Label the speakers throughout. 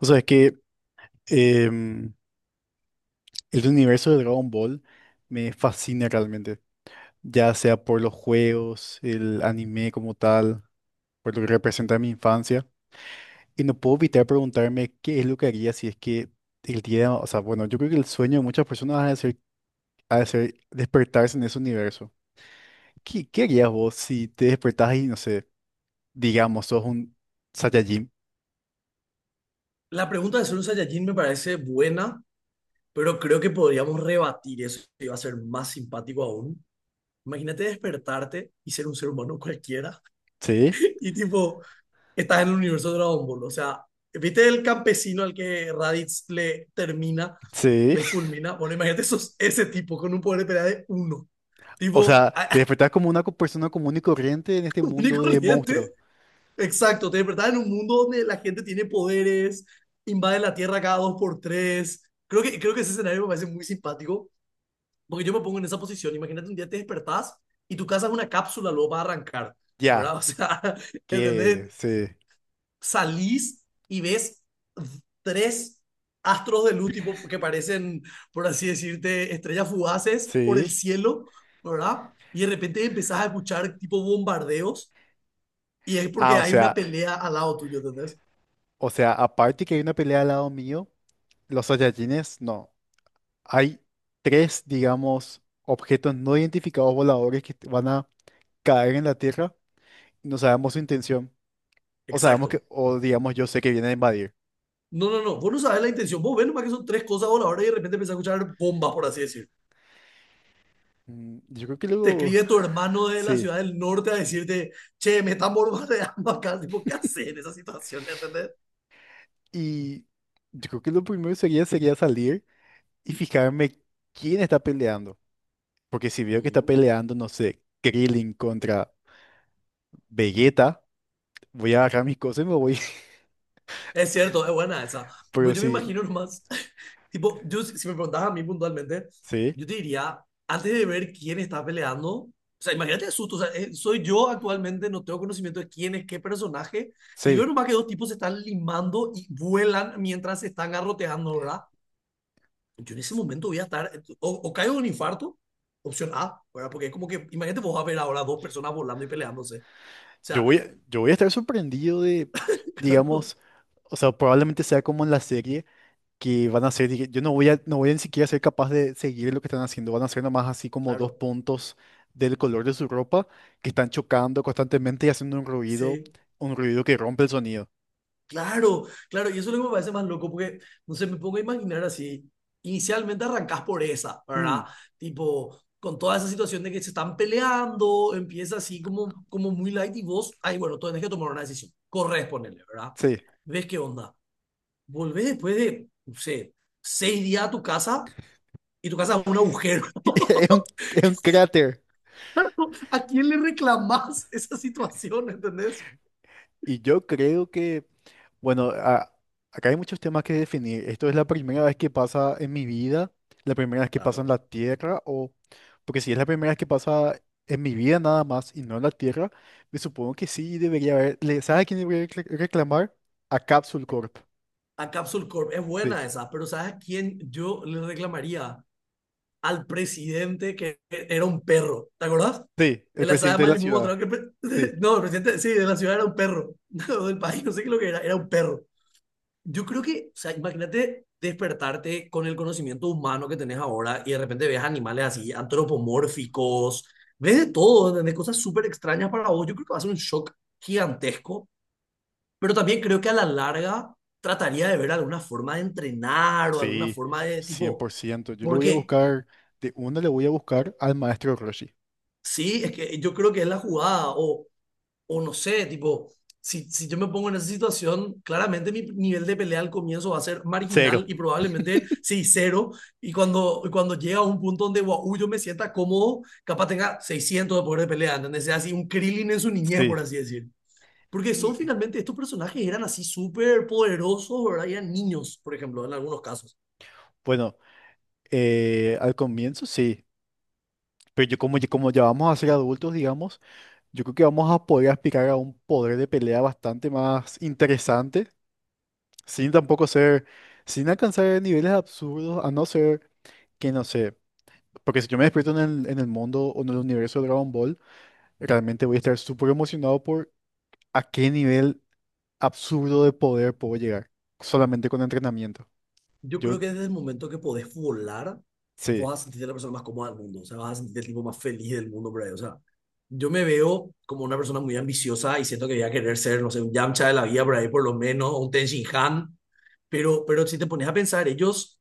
Speaker 1: O sea, es que em, el universo de Dragon Ball me fascina realmente, ya sea por los juegos, el anime como tal, por lo que representa mi infancia. Y no puedo evitar preguntarme qué es lo que haría si es que el día, o sea, bueno, yo creo que el sueño de muchas personas ha de ser despertarse en ese universo. ¿Qué harías vos si te despertás y, no sé, digamos, sos un Saiyajin?
Speaker 2: La pregunta de ser un Saiyajin me parece buena, pero creo que podríamos rebatir eso y va a ser más simpático aún. Imagínate despertarte y ser un ser humano cualquiera
Speaker 1: ¿Sí?
Speaker 2: y tipo, estás en el universo de Dragon Ball. O sea, ¿viste el campesino al que Raditz le termina,
Speaker 1: ¿Sí?
Speaker 2: le fulmina? Bueno, imagínate sos ese tipo con un poder de pelea de uno.
Speaker 1: O
Speaker 2: Tipo,
Speaker 1: sea, te despertás como una persona común y corriente en este
Speaker 2: único
Speaker 1: mundo de
Speaker 2: corriente.
Speaker 1: monstruos.
Speaker 2: Exacto, te despertás en un mundo donde la gente tiene poderes, invade la Tierra cada dos por tres. Creo que ese escenario me parece muy simpático, porque yo me pongo en esa posición. Imagínate un día te despertás y tu casa es una cápsula, luego va a arrancar, ¿verdad?
Speaker 1: Ya,
Speaker 2: O sea,
Speaker 1: que
Speaker 2: ¿entendés?
Speaker 1: sí,
Speaker 2: Salís y ves tres astros de luz, tipo, que parecen, por así decirte, estrellas fugaces por el
Speaker 1: sí.
Speaker 2: cielo, ¿verdad? Y de repente empezás a escuchar tipo bombardeos y es porque
Speaker 1: Ah,
Speaker 2: hay una pelea al lado tuyo, ¿entendés?
Speaker 1: o sea, aparte que hay una pelea al lado mío, los Saiyajines, no. Hay tres, digamos, objetos no identificados voladores que van a caer en la Tierra. No sabemos su intención. O sabemos
Speaker 2: Exacto.
Speaker 1: que, o digamos, yo sé que vienen a invadir.
Speaker 2: No, no, no. Vos no sabés la intención. Vos ves nomás que son tres cosas voladoras y de repente empezás a escuchar bombas, por así decir.
Speaker 1: Mm, yo creo que
Speaker 2: Te
Speaker 1: luego,
Speaker 2: escribe tu hermano de la
Speaker 1: sí.
Speaker 2: ciudad del norte a decirte, che, me están bombardeando acá. Tipo, ¿qué hacer en esa situación? ¿Entendés?
Speaker 1: Y yo creo que lo primero sería salir y fijarme quién está peleando. Porque si veo que está
Speaker 2: Mm.
Speaker 1: peleando, no sé, Krillin contra Vegeta. Voy a agarrar mis cosas y me voy.
Speaker 2: Es cierto, es buena esa.
Speaker 1: Pero
Speaker 2: Pues yo me
Speaker 1: sí,
Speaker 2: imagino nomás, tipo, yo si me preguntas a mí puntualmente,
Speaker 1: sí,
Speaker 2: yo te diría, antes de ver quién está peleando, o sea, imagínate el susto, o sea, soy yo actualmente, no tengo conocimiento de quién es qué personaje, y
Speaker 1: sí.
Speaker 2: veo nomás que dos tipos se están limando y vuelan mientras se están garroteando, ¿verdad? Yo en ese momento voy a estar, o caigo en un infarto, opción A, ¿verdad? Porque es como que, imagínate vos a ver ahora dos personas volando y peleándose. O
Speaker 1: Yo
Speaker 2: sea,
Speaker 1: voy, yo voy a estar sorprendido de,
Speaker 2: claro,
Speaker 1: digamos, o sea, probablemente sea como en la serie que van a ser, dije, yo no voy a, no voy a ni siquiera ser capaz de seguir lo que están haciendo. Van a ser nomás así como dos
Speaker 2: claro,
Speaker 1: puntos del color de su ropa que están chocando constantemente y haciendo
Speaker 2: sí.
Speaker 1: un ruido que rompe el sonido.
Speaker 2: Claro, claro, y eso es lo que me parece más loco, porque, no sé, me pongo a imaginar así, inicialmente arrancas por esa,
Speaker 1: Mm,
Speaker 2: ¿verdad? Tipo, con toda esa situación de que se están peleando, empieza así como, como muy light y vos, ay, bueno, tú tenés que tomar una decisión, corres, ponele, ¿verdad?
Speaker 1: sí.
Speaker 2: ¿Ves qué onda? Volvés después de, no sé, 6 días a tu casa y tu casa es un agujero.
Speaker 1: Es un, es un cráter.
Speaker 2: ¿A quién le reclamás esa situación, entendés?
Speaker 1: Y yo creo que bueno, acá hay muchos temas que definir. Esto es la primera vez que pasa en mi vida, la primera vez que pasa en
Speaker 2: Claro.
Speaker 1: la Tierra, o porque si es la primera vez que pasa en mi vida nada más y no en la Tierra, me supongo que sí debería haber. ¿Sabes a quién debería reclamar? A Capsule Corp.
Speaker 2: A Capsule Corp es
Speaker 1: Sí,
Speaker 2: buena esa, pero ¿sabes a quién yo le reclamaría? Al presidente que era un perro. ¿Te acordás?
Speaker 1: sí, el
Speaker 2: En la saga de
Speaker 1: presidente de la
Speaker 2: Majimú
Speaker 1: ciudad.
Speaker 2: mostraron que
Speaker 1: Sí.
Speaker 2: el no, el presidente, sí, de la ciudad era un perro. No, del país, no sé qué lo que era, era un perro. Yo creo que, o sea, imagínate despertarte con el conocimiento humano que tenés ahora y de repente ves animales así antropomórficos, ves de todo, ¿entendés? Cosas súper extrañas para vos. Yo creo que va a ser un shock gigantesco, pero también creo que a la larga trataría de ver alguna forma de entrenar o alguna
Speaker 1: Sí,
Speaker 2: forma de
Speaker 1: cien
Speaker 2: tipo,
Speaker 1: por ciento. Yo le voy a
Speaker 2: porque
Speaker 1: buscar, de una le voy a buscar al maestro Roshi.
Speaker 2: sí, es que yo creo que es la jugada, o no sé, tipo, si yo me pongo en esa situación, claramente mi nivel de pelea al comienzo va a ser
Speaker 1: Cero,
Speaker 2: marginal y probablemente seis cero, y cuando llega a un punto donde guau, uy, yo me sienta cómodo, capaz tenga 600 de poder de pelea, ¿entendés? Sea así un Krillin en su niñez, por
Speaker 1: sí.
Speaker 2: así decir. Porque son
Speaker 1: Y
Speaker 2: finalmente, estos personajes eran así súper poderosos, ¿verdad? Y eran niños, por ejemplo, en algunos casos.
Speaker 1: bueno, al comienzo sí, pero yo como, como ya vamos a ser adultos, digamos, yo creo que vamos a poder aspirar a un poder de pelea bastante más interesante, sin tampoco ser, sin alcanzar niveles absurdos, a no ser que, no sé, porque si yo me despierto en el mundo o en el universo de Dragon Ball, realmente voy a estar súper emocionado por a qué nivel absurdo de poder puedo llegar, solamente con entrenamiento.
Speaker 2: Yo
Speaker 1: Yo,
Speaker 2: creo que desde el momento que podés volar,
Speaker 1: sí,
Speaker 2: vos vas a sentirte la persona más cómoda del mundo, o sea, vas a sentirte el tipo más feliz del mundo por ahí, o sea, yo me veo como una persona muy ambiciosa y siento que voy a querer ser, no sé, un Yamcha de la vida por ahí por lo menos, o un Ten Shin Han, pero si te pones a pensar, ellos,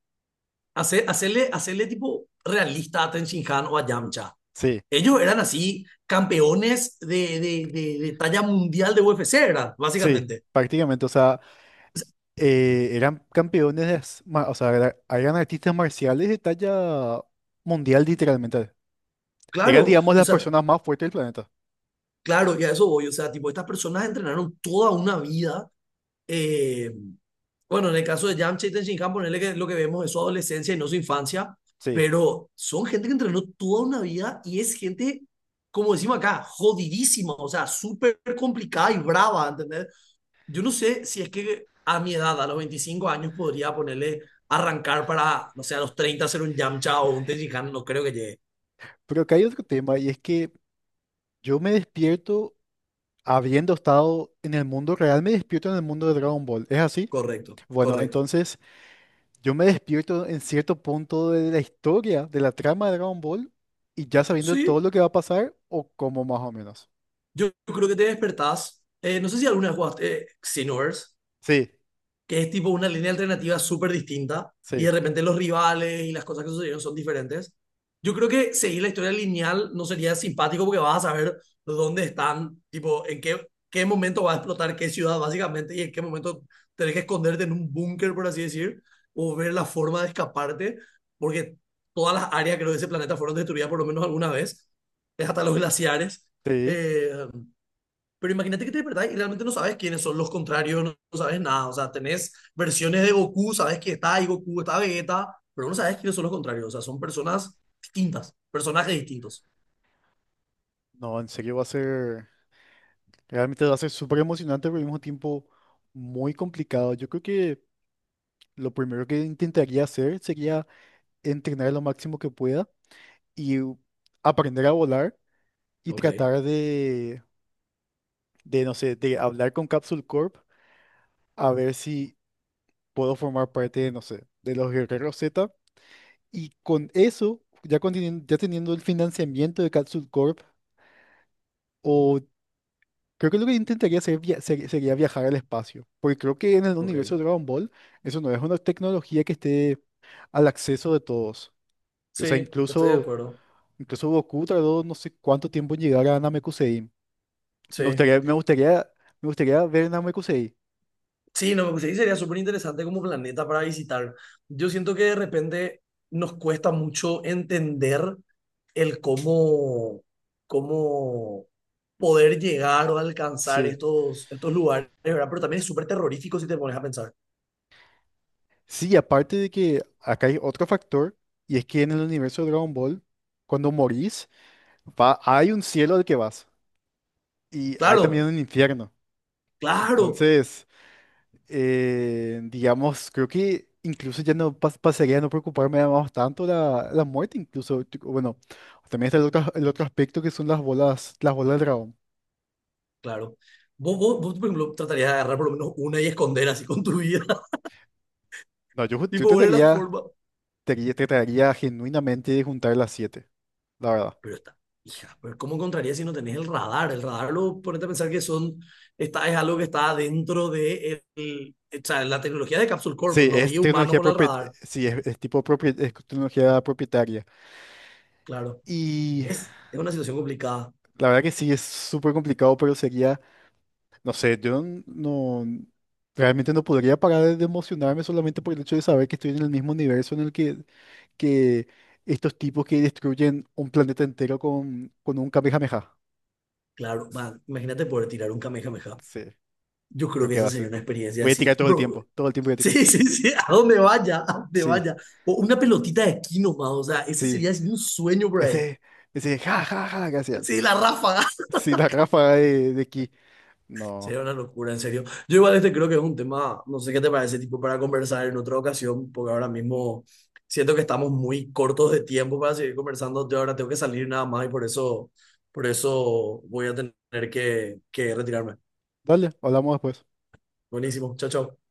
Speaker 2: hacerle tipo realista a Ten Shin Han o a Yamcha,
Speaker 1: sí,
Speaker 2: ellos eran así campeones de talla mundial de UFC, ¿verdad?
Speaker 1: sí,
Speaker 2: Básicamente.
Speaker 1: prácticamente, o sea... eran campeones de, o sea, eran artistas marciales de talla mundial, literalmente. Eran,
Speaker 2: Claro,
Speaker 1: digamos,
Speaker 2: o
Speaker 1: las
Speaker 2: sea,
Speaker 1: personas más fuertes del planeta.
Speaker 2: claro, y a eso voy. O sea, tipo, estas personas entrenaron toda una vida. eh, bueno, en el caso de Yamcha y Tenshinhan, ponerle que lo que vemos es su adolescencia y no su infancia,
Speaker 1: Sí.
Speaker 2: pero son gente que entrenó toda una vida y es gente, como decimos acá, jodidísima, o sea, súper complicada y brava, ¿entendés? Yo no sé si es que a mi edad, a los 25 años, podría ponerle arrancar para, no sé, a los 30 ser un Yamcha o un Tenshinhan, no creo que llegue.
Speaker 1: Pero acá hay otro tema y es que yo me despierto habiendo estado en el mundo real, me despierto en el mundo de Dragon Ball. ¿Es así?
Speaker 2: Correcto,
Speaker 1: Bueno,
Speaker 2: correcto.
Speaker 1: entonces yo me despierto en cierto punto de la historia, de la trama de Dragon Ball y ya sabiendo todo
Speaker 2: Sí,
Speaker 1: lo que va a pasar o como más o menos.
Speaker 2: yo creo que te despertás. No sé si alguna vez jugaste Xenoverse,
Speaker 1: Sí,
Speaker 2: que es tipo una línea alternativa súper distinta y de
Speaker 1: sí,
Speaker 2: repente los rivales y las cosas que sucedieron son diferentes. Yo creo que seguir la historia lineal no sería simpático porque vas a saber dónde están, tipo, en qué momento va a explotar qué ciudad básicamente y en qué momento tenés que esconderte en un búnker, por así decir, o ver la forma de escaparte, porque todas las áreas creo de ese planeta fueron destruidas por lo menos alguna vez, es hasta los glaciares.
Speaker 1: sí.
Speaker 2: Eh, pero imagínate que te despertás y realmente no sabes quiénes son los contrarios, no, no sabes nada. O sea, tenés versiones de Goku, sabes que está ahí Goku, está Vegeta, pero no sabes quiénes son los contrarios. O sea, son personas distintas, personajes distintos.
Speaker 1: No, en serio va a ser. Realmente va a ser súper emocionante, pero al mismo tiempo muy complicado. Yo creo que lo primero que intentaría hacer sería entrenar lo máximo que pueda y aprender a volar y
Speaker 2: Ok,
Speaker 1: tratar de, no sé, de hablar con Capsule Corp a ver si puedo formar parte de, no sé, de los Guerreros Z. Y con eso, ya, con ya teniendo el financiamiento de Capsule Corp o creo que lo que intentaría sería viajar al espacio, porque creo que en el
Speaker 2: ok.
Speaker 1: universo de Dragon Ball eso no es una tecnología que esté al acceso de todos. O sea,
Speaker 2: Sí, estoy de
Speaker 1: incluso,
Speaker 2: acuerdo.
Speaker 1: incluso Goku tardó no sé cuánto tiempo en llegar a Namekusei. Me
Speaker 2: Sí.
Speaker 1: gustaría, me gustaría, me gustaría ver Namekusei.
Speaker 2: Sí, no, me sí, sería súper interesante como planeta para visitar. Yo siento que de repente nos cuesta mucho entender el cómo, cómo poder llegar o alcanzar
Speaker 1: Sí.
Speaker 2: estos lugares, ¿verdad? Pero también es súper terrorífico si te pones a pensar.
Speaker 1: Sí, aparte de que acá hay otro factor, y es que en el universo de Dragon Ball, cuando morís, va, hay un cielo al que vas, y hay también
Speaker 2: Claro,
Speaker 1: un infierno.
Speaker 2: claro,
Speaker 1: Entonces... digamos, creo que incluso ya no pasaría a no preocuparme más tanto la muerte, incluso, tipo, bueno, también está el otro aspecto que son las bolas del dragón.
Speaker 2: claro. Vos, por ejemplo, tratarías de agarrar por lo menos una y esconder así con tu vida,
Speaker 1: No, yo, yo
Speaker 2: tipo poner la
Speaker 1: trataría,
Speaker 2: forma.
Speaker 1: trataría genuinamente de juntar las siete, la verdad.
Speaker 2: Pero está, hija, pero ¿cómo encontrarías si no tenés el radar? El radar lo ponete a pensar que son, está, es algo que está dentro de el- o sea, la tecnología de Capsule Corp.
Speaker 1: Sí,
Speaker 2: No
Speaker 1: es
Speaker 2: había humanos
Speaker 1: tecnología
Speaker 2: con el
Speaker 1: propietaria,
Speaker 2: radar,
Speaker 1: sí, es tipo es tecnología propietaria.
Speaker 2: claro.
Speaker 1: Y
Speaker 2: Es una situación complicada.
Speaker 1: la verdad que sí, es súper complicado, pero sería... No sé, yo no realmente no podría parar de emocionarme solamente por el hecho de saber que estoy en el mismo universo en el que estos tipos que destruyen un planeta entero con un Kamehameha.
Speaker 2: Claro, man, imagínate poder tirar un Kamehameha.
Speaker 1: Sí, yo
Speaker 2: Yo creo
Speaker 1: creo
Speaker 2: que
Speaker 1: que va
Speaker 2: esa
Speaker 1: a
Speaker 2: sería
Speaker 1: ser.
Speaker 2: una experiencia
Speaker 1: Voy a tirar
Speaker 2: así. Bro,
Speaker 1: todo el tiempo voy a tirar.
Speaker 2: sí, sí, sí, a donde vaya, a donde
Speaker 1: Sí,
Speaker 2: vaya. O una pelotita de aquí nomás, o sea, ese
Speaker 1: sí.
Speaker 2: sería así un sueño, bro.
Speaker 1: Ese, ese ja, ja, ja que hacían.
Speaker 2: Sí, la ráfaga.
Speaker 1: Sí, la ráfaga de ki. No.
Speaker 2: Sería una locura, en serio. Yo igual este creo que es un tema, no sé qué te parece, tipo, para conversar en otra ocasión, porque ahora mismo siento que estamos muy cortos de tiempo para seguir conversando. Yo ahora tengo que salir nada más y por eso voy a tener que, retirarme.
Speaker 1: Dale, hablamos después.
Speaker 2: Buenísimo, chao, chao.